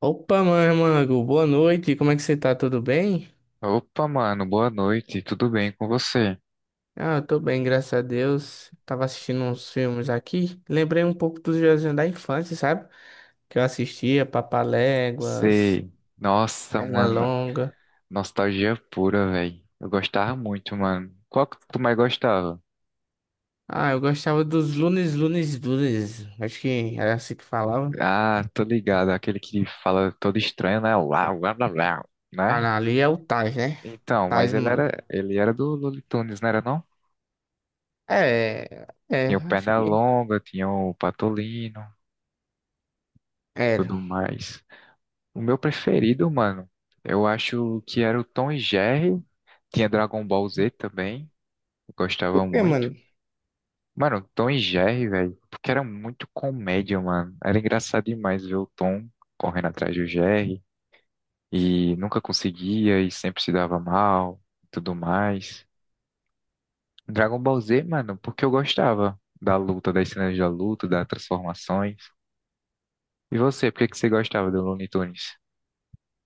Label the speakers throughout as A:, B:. A: Opa, mano, boa noite, como é que você tá? Tudo bem?
B: Opa, mano, boa noite, tudo bem com você?
A: Ah, eu tô bem, graças a Deus. Tava assistindo uns filmes aqui, lembrei um pouco dos desenhos da infância, sabe? Que eu assistia, Papaléguas,
B: Sei. Nossa, mano,
A: Pernalonga.
B: nostalgia pura, velho. Eu gostava muito, mano. Qual que tu mais gostava?
A: Ah, eu gostava dos Lunes, Lunes, acho que era assim que falava.
B: Ah, tô ligado, aquele que fala todo estranho, né? Lá, lá, lá, lá,
A: Ah, não,
B: né?
A: ali é o Tais, né?
B: Então, mas
A: Tais,
B: ele
A: mano.
B: era, ele era do Looney Tunes, não era não?
A: É,
B: Tinha o
A: acho que
B: Pernalonga, tinha o Patolino,
A: era.
B: tudo mais. O meu preferido, mano, eu acho que era o Tom e Jerry. Tinha Dragon Ball Z também, eu gostava
A: Por que, mano?
B: muito. Mano, Tom e Jerry, velho, porque era muito comédia, mano. Era engraçado demais ver o Tom correndo atrás do Jerry e nunca conseguia e sempre se dava mal e tudo mais. Dragon Ball Z, mano, porque eu gostava da luta, das cenas da luta, das transformações. E você, por que que você gostava do Looney Tunes?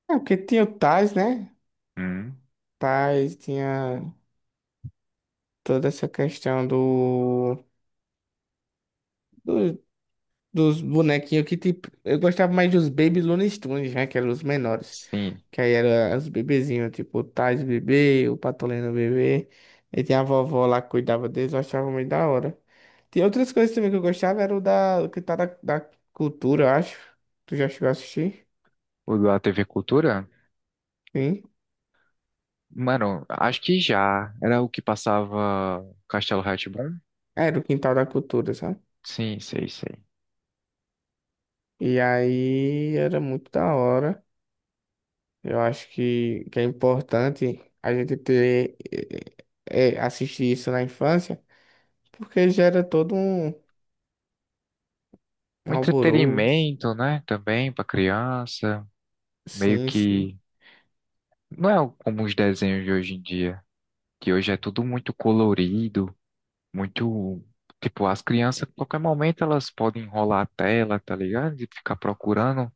A: É porque tinha o Tais, né?
B: Hum,
A: Tais tinha toda essa questão do. Dos, dos bonequinhos que tipo. Eu gostava mais dos Baby Looney Tunes, né? Que eram os menores.
B: sim.
A: Que aí eram os bebezinhos, tipo o Tais bebê, o Patolino bebê. E tinha a vovó lá que cuidava deles, eu achava muito da hora. Tinha outras coisas também que eu gostava, era o Quintal da Cultura, eu acho. Tu já chegou a assistir?
B: O da TV Cultura?
A: Sim.
B: Mano, acho que já. Era o que passava Castelo rá tim.
A: Era o Quintal da Cultura, sabe?
B: Sim, sei, sei.
A: E aí era muito da hora. Eu acho que é importante a gente ter, assistir isso na infância. Porque gera todo um
B: Um
A: alvoroço.
B: entretenimento, né? Também para criança, meio
A: Sim, sim,
B: que não é como os desenhos de hoje em dia, que hoje é tudo muito colorido, muito tipo as crianças, a qualquer momento elas podem enrolar a tela, tá ligado? E ficar procurando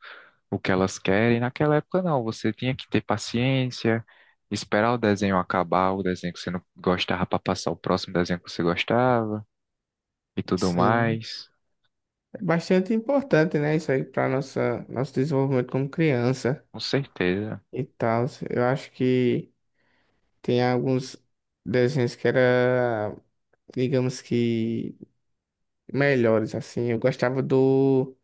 B: o que elas querem. Naquela época não, você tinha que ter paciência, esperar o desenho acabar, o desenho que você não gostava para passar o próximo desenho que você gostava e tudo
A: sim.
B: mais.
A: É bastante importante, né? Isso aí para nossa nosso desenvolvimento como criança
B: Com certeza.
A: e tal. Eu acho que tem alguns desenhos que era, digamos que melhores assim. Eu gostava do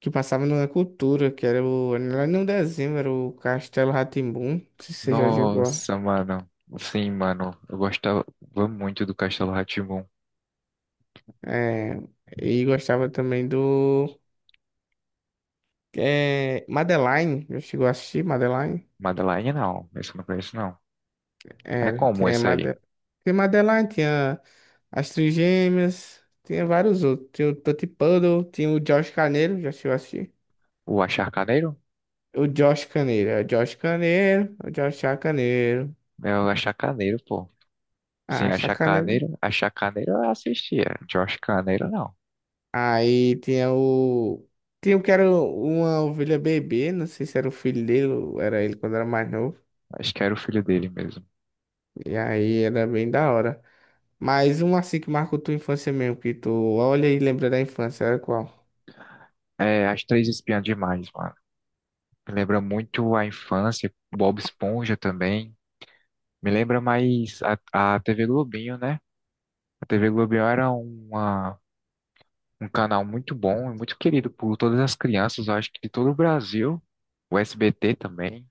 A: que passava na cultura, que era o não era nem um desenho, era o Castelo rá tim não sei se você já chegou a...
B: Nossa, mano. Sim, mano. Eu gostava muito do Castelo rá tim.
A: É, e gostava também do É, Madeline, já chegou a assistir Madeline?
B: Madeline, não. Esse eu não conheço, não. É
A: Era,
B: como
A: tinha,
B: esse aí?
A: Made... tinha Madeline, tinha As Trigêmeas, tinha vários outros. Tinha o Tutti Puddle, tinha o Josh Caneiro, já chegou a assistir?
B: O Achacaneiro?
A: O Josh Caneiro, é o Josh Caneiro, o Josh Chacaneiro.
B: É o Achacaneiro, pô. Sim,
A: Ah, Chacaneiro, né?
B: Achacaneiro. Achacaneiro eu assistia. Josh Carneiro, não.
A: Aí tinha o. Tinha o que era uma ovelha bebê, não sei se era o filho dele ou era ele quando era mais novo.
B: Acho que era o filho dele mesmo.
A: E aí era bem da hora. Mas um assim que marcou tua infância mesmo, que tu olha e lembra da infância, era qual?
B: É, As Três Espiãs Demais, mano. Me lembra muito a infância. Bob Esponja também. Me lembra mais a TV Globinho, né? A TV Globinho era uma um canal muito bom, é muito querido por todas as crianças, eu acho que de todo o Brasil. O SBT também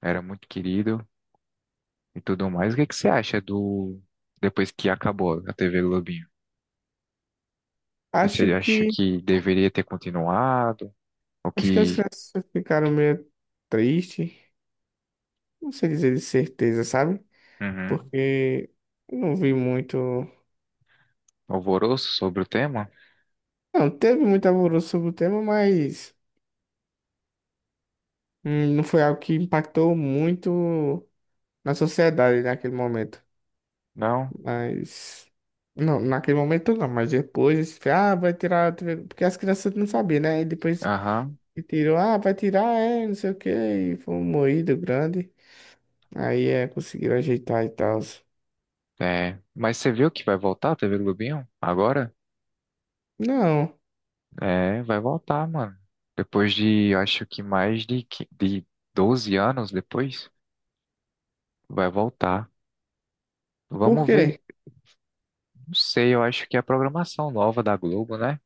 B: era muito querido e tudo mais. O que é que você acha do depois que acabou a TV Globinho?
A: Acho
B: Você acha
A: que.
B: que deveria ter continuado? O
A: Acho que as
B: que
A: crianças ficaram meio tristes. Não sei dizer de certeza, sabe?
B: uhum,
A: Porque não vi muito.
B: alvoroço sobre o tema?
A: Não, teve muito alvoroço sobre o tema, mas não foi algo que impactou muito na sociedade naquele momento.
B: Não?
A: Mas. Não, naquele momento não, mas depois, ah, vai tirar a TV, porque as crianças não sabiam, né? E depois.
B: Aham.
A: E tirou, ah, vai tirar, é, não sei o quê. E foi um moído grande. Aí é, conseguiram ajeitar e tal.
B: É. Mas você viu que vai voltar a TV Globinho agora?
A: Não,
B: É, vai voltar, mano. Depois de, eu acho que mais de, de 12 anos depois, vai voltar.
A: por
B: Vamos ver,
A: quê?
B: não sei, eu acho que é a programação nova da Globo, né?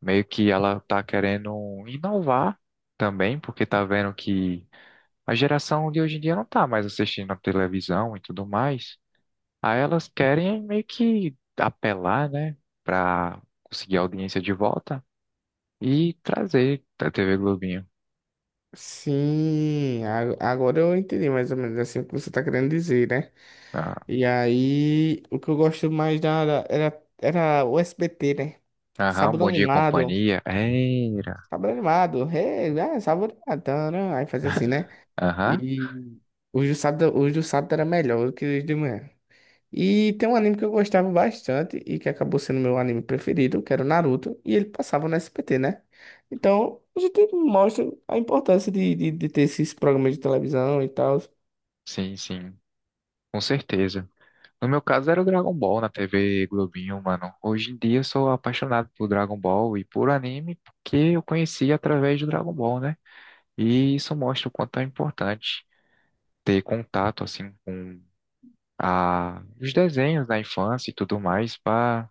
B: Meio que ela tá querendo inovar também, porque tá vendo que a geração de hoje em dia não tá mais assistindo a televisão e tudo mais. Aí elas querem meio que apelar, né, pra conseguir a audiência de volta e trazer a TV Globinho.
A: Sim, a- agora eu entendi mais ou menos assim o que você tá querendo dizer, né?
B: Ah,
A: E aí, o que eu gosto mais era, era o SBT, né?
B: aham,
A: Sábado
B: Bom Dia e
A: animado.
B: Companhia. Era.
A: Sábado animado. Hey, ah, sábado animado. Tá, né? Aí fazia assim, né?
B: Aham,
A: E os do sábado era melhor do que os de manhã. E tem um anime que eu gostava bastante e que acabou sendo meu anime preferido, que era o Naruto, e ele passava no SBT, né? Então, a gente mostra a importância de ter esses programas de televisão e tal.
B: sim, sim, com certeza. No meu caso era o Dragon Ball na TV Globinho, mano. Hoje em dia eu sou apaixonado por Dragon Ball e por anime porque eu conheci através do Dragon Ball, né? E isso mostra o quanto é importante ter contato assim com a... os desenhos da infância e tudo mais para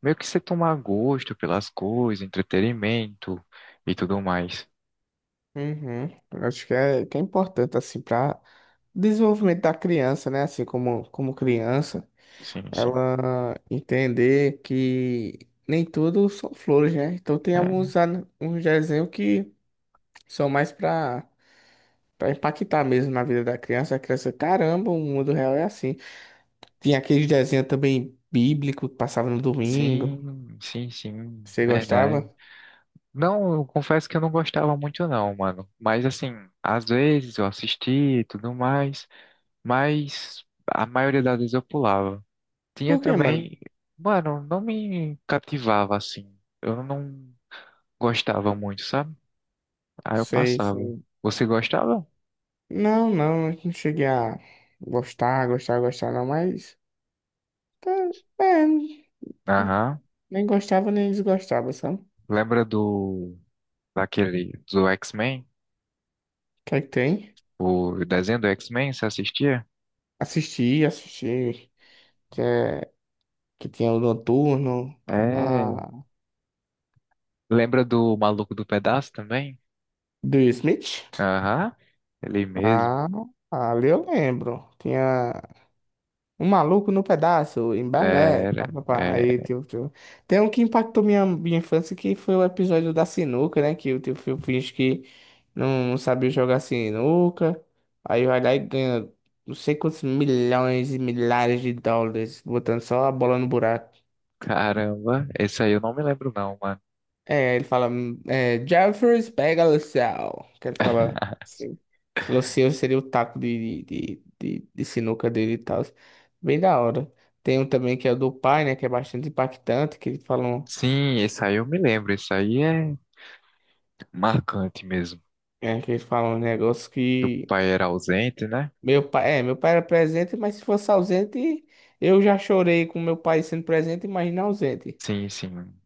B: meio que você tomar gosto pelas coisas, entretenimento e tudo mais.
A: Uhum. Eu acho que é importante, assim, para desenvolvimento da criança, né? Assim, como criança,
B: Sim, sim.
A: ela entender que nem tudo são flores, né? Então, tem
B: É.
A: alguns, uns desenhos que são mais para pra impactar mesmo na vida da criança, a criança, caramba, o mundo real é assim. Tinha aqueles desenhos também bíblico que passava no domingo.
B: Sim, sim, sim,
A: Você
B: verdade.
A: gostava?
B: Não, eu confesso que eu não gostava muito não, mano. Mas assim, às vezes eu assistia e tudo mais, mas a maioria das vezes eu pulava. Tinha
A: Por quê, mano?
B: também, mano, não me cativava assim. Eu não gostava muito, sabe? Aí eu
A: Sei,
B: passava.
A: sei.
B: Você gostava?
A: Não, não, não cheguei a gostar, não, mas. Tá, é,
B: Aham.
A: nem gostava nem desgostava, sabe? O
B: Lembra do daquele do X-Men?
A: que é que tem?
B: O desenho do X-Men, você assistia?
A: Assisti, assisti. Que que tinha o Noturno,
B: É.
A: a
B: Lembra do Maluco do Pedaço também?
A: do Smith.
B: Aham. Ele mesmo.
A: Ah, ali eu lembro. Tinha. Um maluco no pedaço, em balé,
B: Era,
A: papapá.
B: é,
A: Aí, tio. Tem um que impactou minha infância, que foi o episódio da sinuca, né? Que o tio Phil finge que não sabia jogar sinuca. Aí vai lá e ganha não sei quantos milhões e milhares de dólares, botando só a bola no buraco.
B: caramba, esse aí eu não me lembro não, mano.
A: É, ele fala, Jeffers, pega o céu. Que ele fala. Assim, Luciano seria o taco sinuca dele e tal. Bem da hora. Tem um também que é o do pai, né? Que é bastante impactante, que ele fala
B: Sim, esse aí eu me lembro, esse aí é marcante mesmo.
A: que ele fala um negócio
B: Que o
A: que.
B: pai era ausente, né?
A: Meu meu pai era presente, mas se fosse ausente, eu já chorei com meu pai sendo presente, imagina ausente.
B: Sim, sim.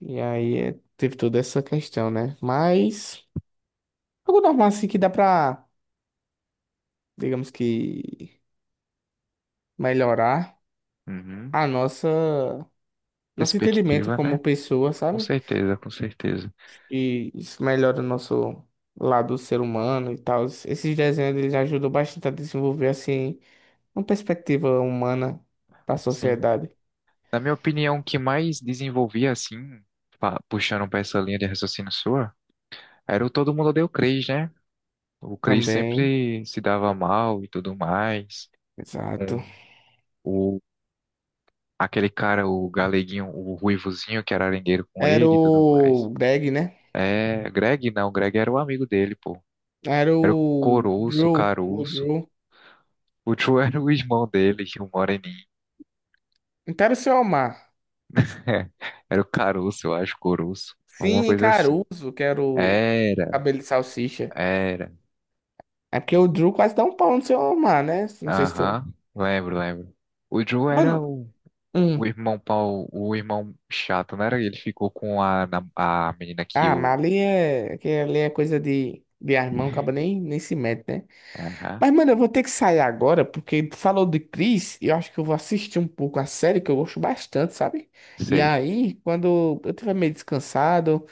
A: E aí é, teve toda essa questão, né? Mas algo normal assim que dá digamos que, melhorar
B: Uhum.
A: a nosso entendimento
B: Perspectiva, né?
A: como pessoa,
B: Com
A: sabe?
B: certeza, com certeza.
A: E isso melhora o nosso lado ser humano e tal. Esses desenhos eles ajudam bastante a desenvolver assim uma perspectiva humana da
B: Sim.
A: sociedade
B: Na minha opinião, o que mais desenvolvia, assim, puxando pra essa linha de raciocínio sua, era o Todo Mundo Odeia o Chris, né? O Chris
A: também.
B: sempre se dava mal e tudo mais.
A: Exato.
B: Com aquele cara, o galeguinho, o ruivozinho que era arengueiro com
A: Era
B: ele e tudo mais.
A: o Greg, né?
B: É, Greg não, Greg era o amigo dele, pô.
A: Era
B: Era o
A: o
B: Coroço, o
A: O
B: Caroço.
A: Drew.
B: O Tio era o irmão dele, o Moreninho.
A: Então era o seu Omar.
B: Era o Caroço, eu acho, Coroço. Alguma
A: Sim, e
B: coisa assim.
A: Caruso, que era o
B: Era,
A: cabelo de salsicha.
B: era.
A: É porque o Drew quase dá um pau no seu Omar, né? Não sei se tu.
B: Aham, lembro, lembro. O Joe era
A: Mano.
B: o
A: Um.
B: irmão pau, o irmão chato, não era? Ele ficou com a, a menina que
A: Ah, mas
B: o.
A: ali que ali é coisa de irmão, acaba nem se mete, né?
B: Aham,
A: Mas, mano, eu vou ter que sair agora, porque tu falou de Chris, e eu acho que eu vou assistir um pouco a série, que eu gosto bastante, sabe? E
B: sei.
A: aí, quando eu tiver meio descansado,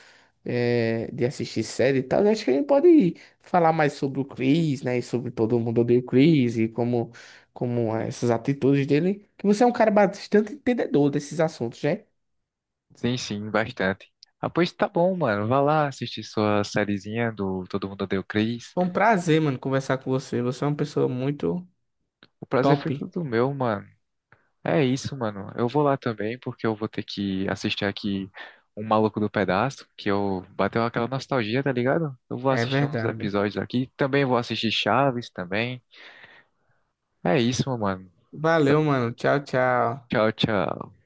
A: é, de assistir série e tal, eu acho que a gente pode falar mais sobre o Chris, né? E sobre todo mundo odeia o Chris, e como é essas atitudes dele. Que você é um cara bastante entendedor desses assuntos, né?
B: Sim, sim, bastante. Ah, pois tá bom, mano. Vá lá assistir sua sériezinha do Todo Mundo Odeia o Chris.
A: Foi um prazer, mano, conversar com você. Você é uma pessoa muito
B: O prazer foi
A: top.
B: todo meu, mano. É isso, mano. Eu vou lá também, porque eu vou ter que assistir aqui Um Maluco do Pedaço, que eu bateu aquela nostalgia, tá ligado? Eu vou
A: É
B: assistir uns
A: verdade.
B: episódios aqui. Também vou assistir Chaves também. É isso, mano.
A: Valeu, mano. Tchau, tchau.
B: Tchau, tchau.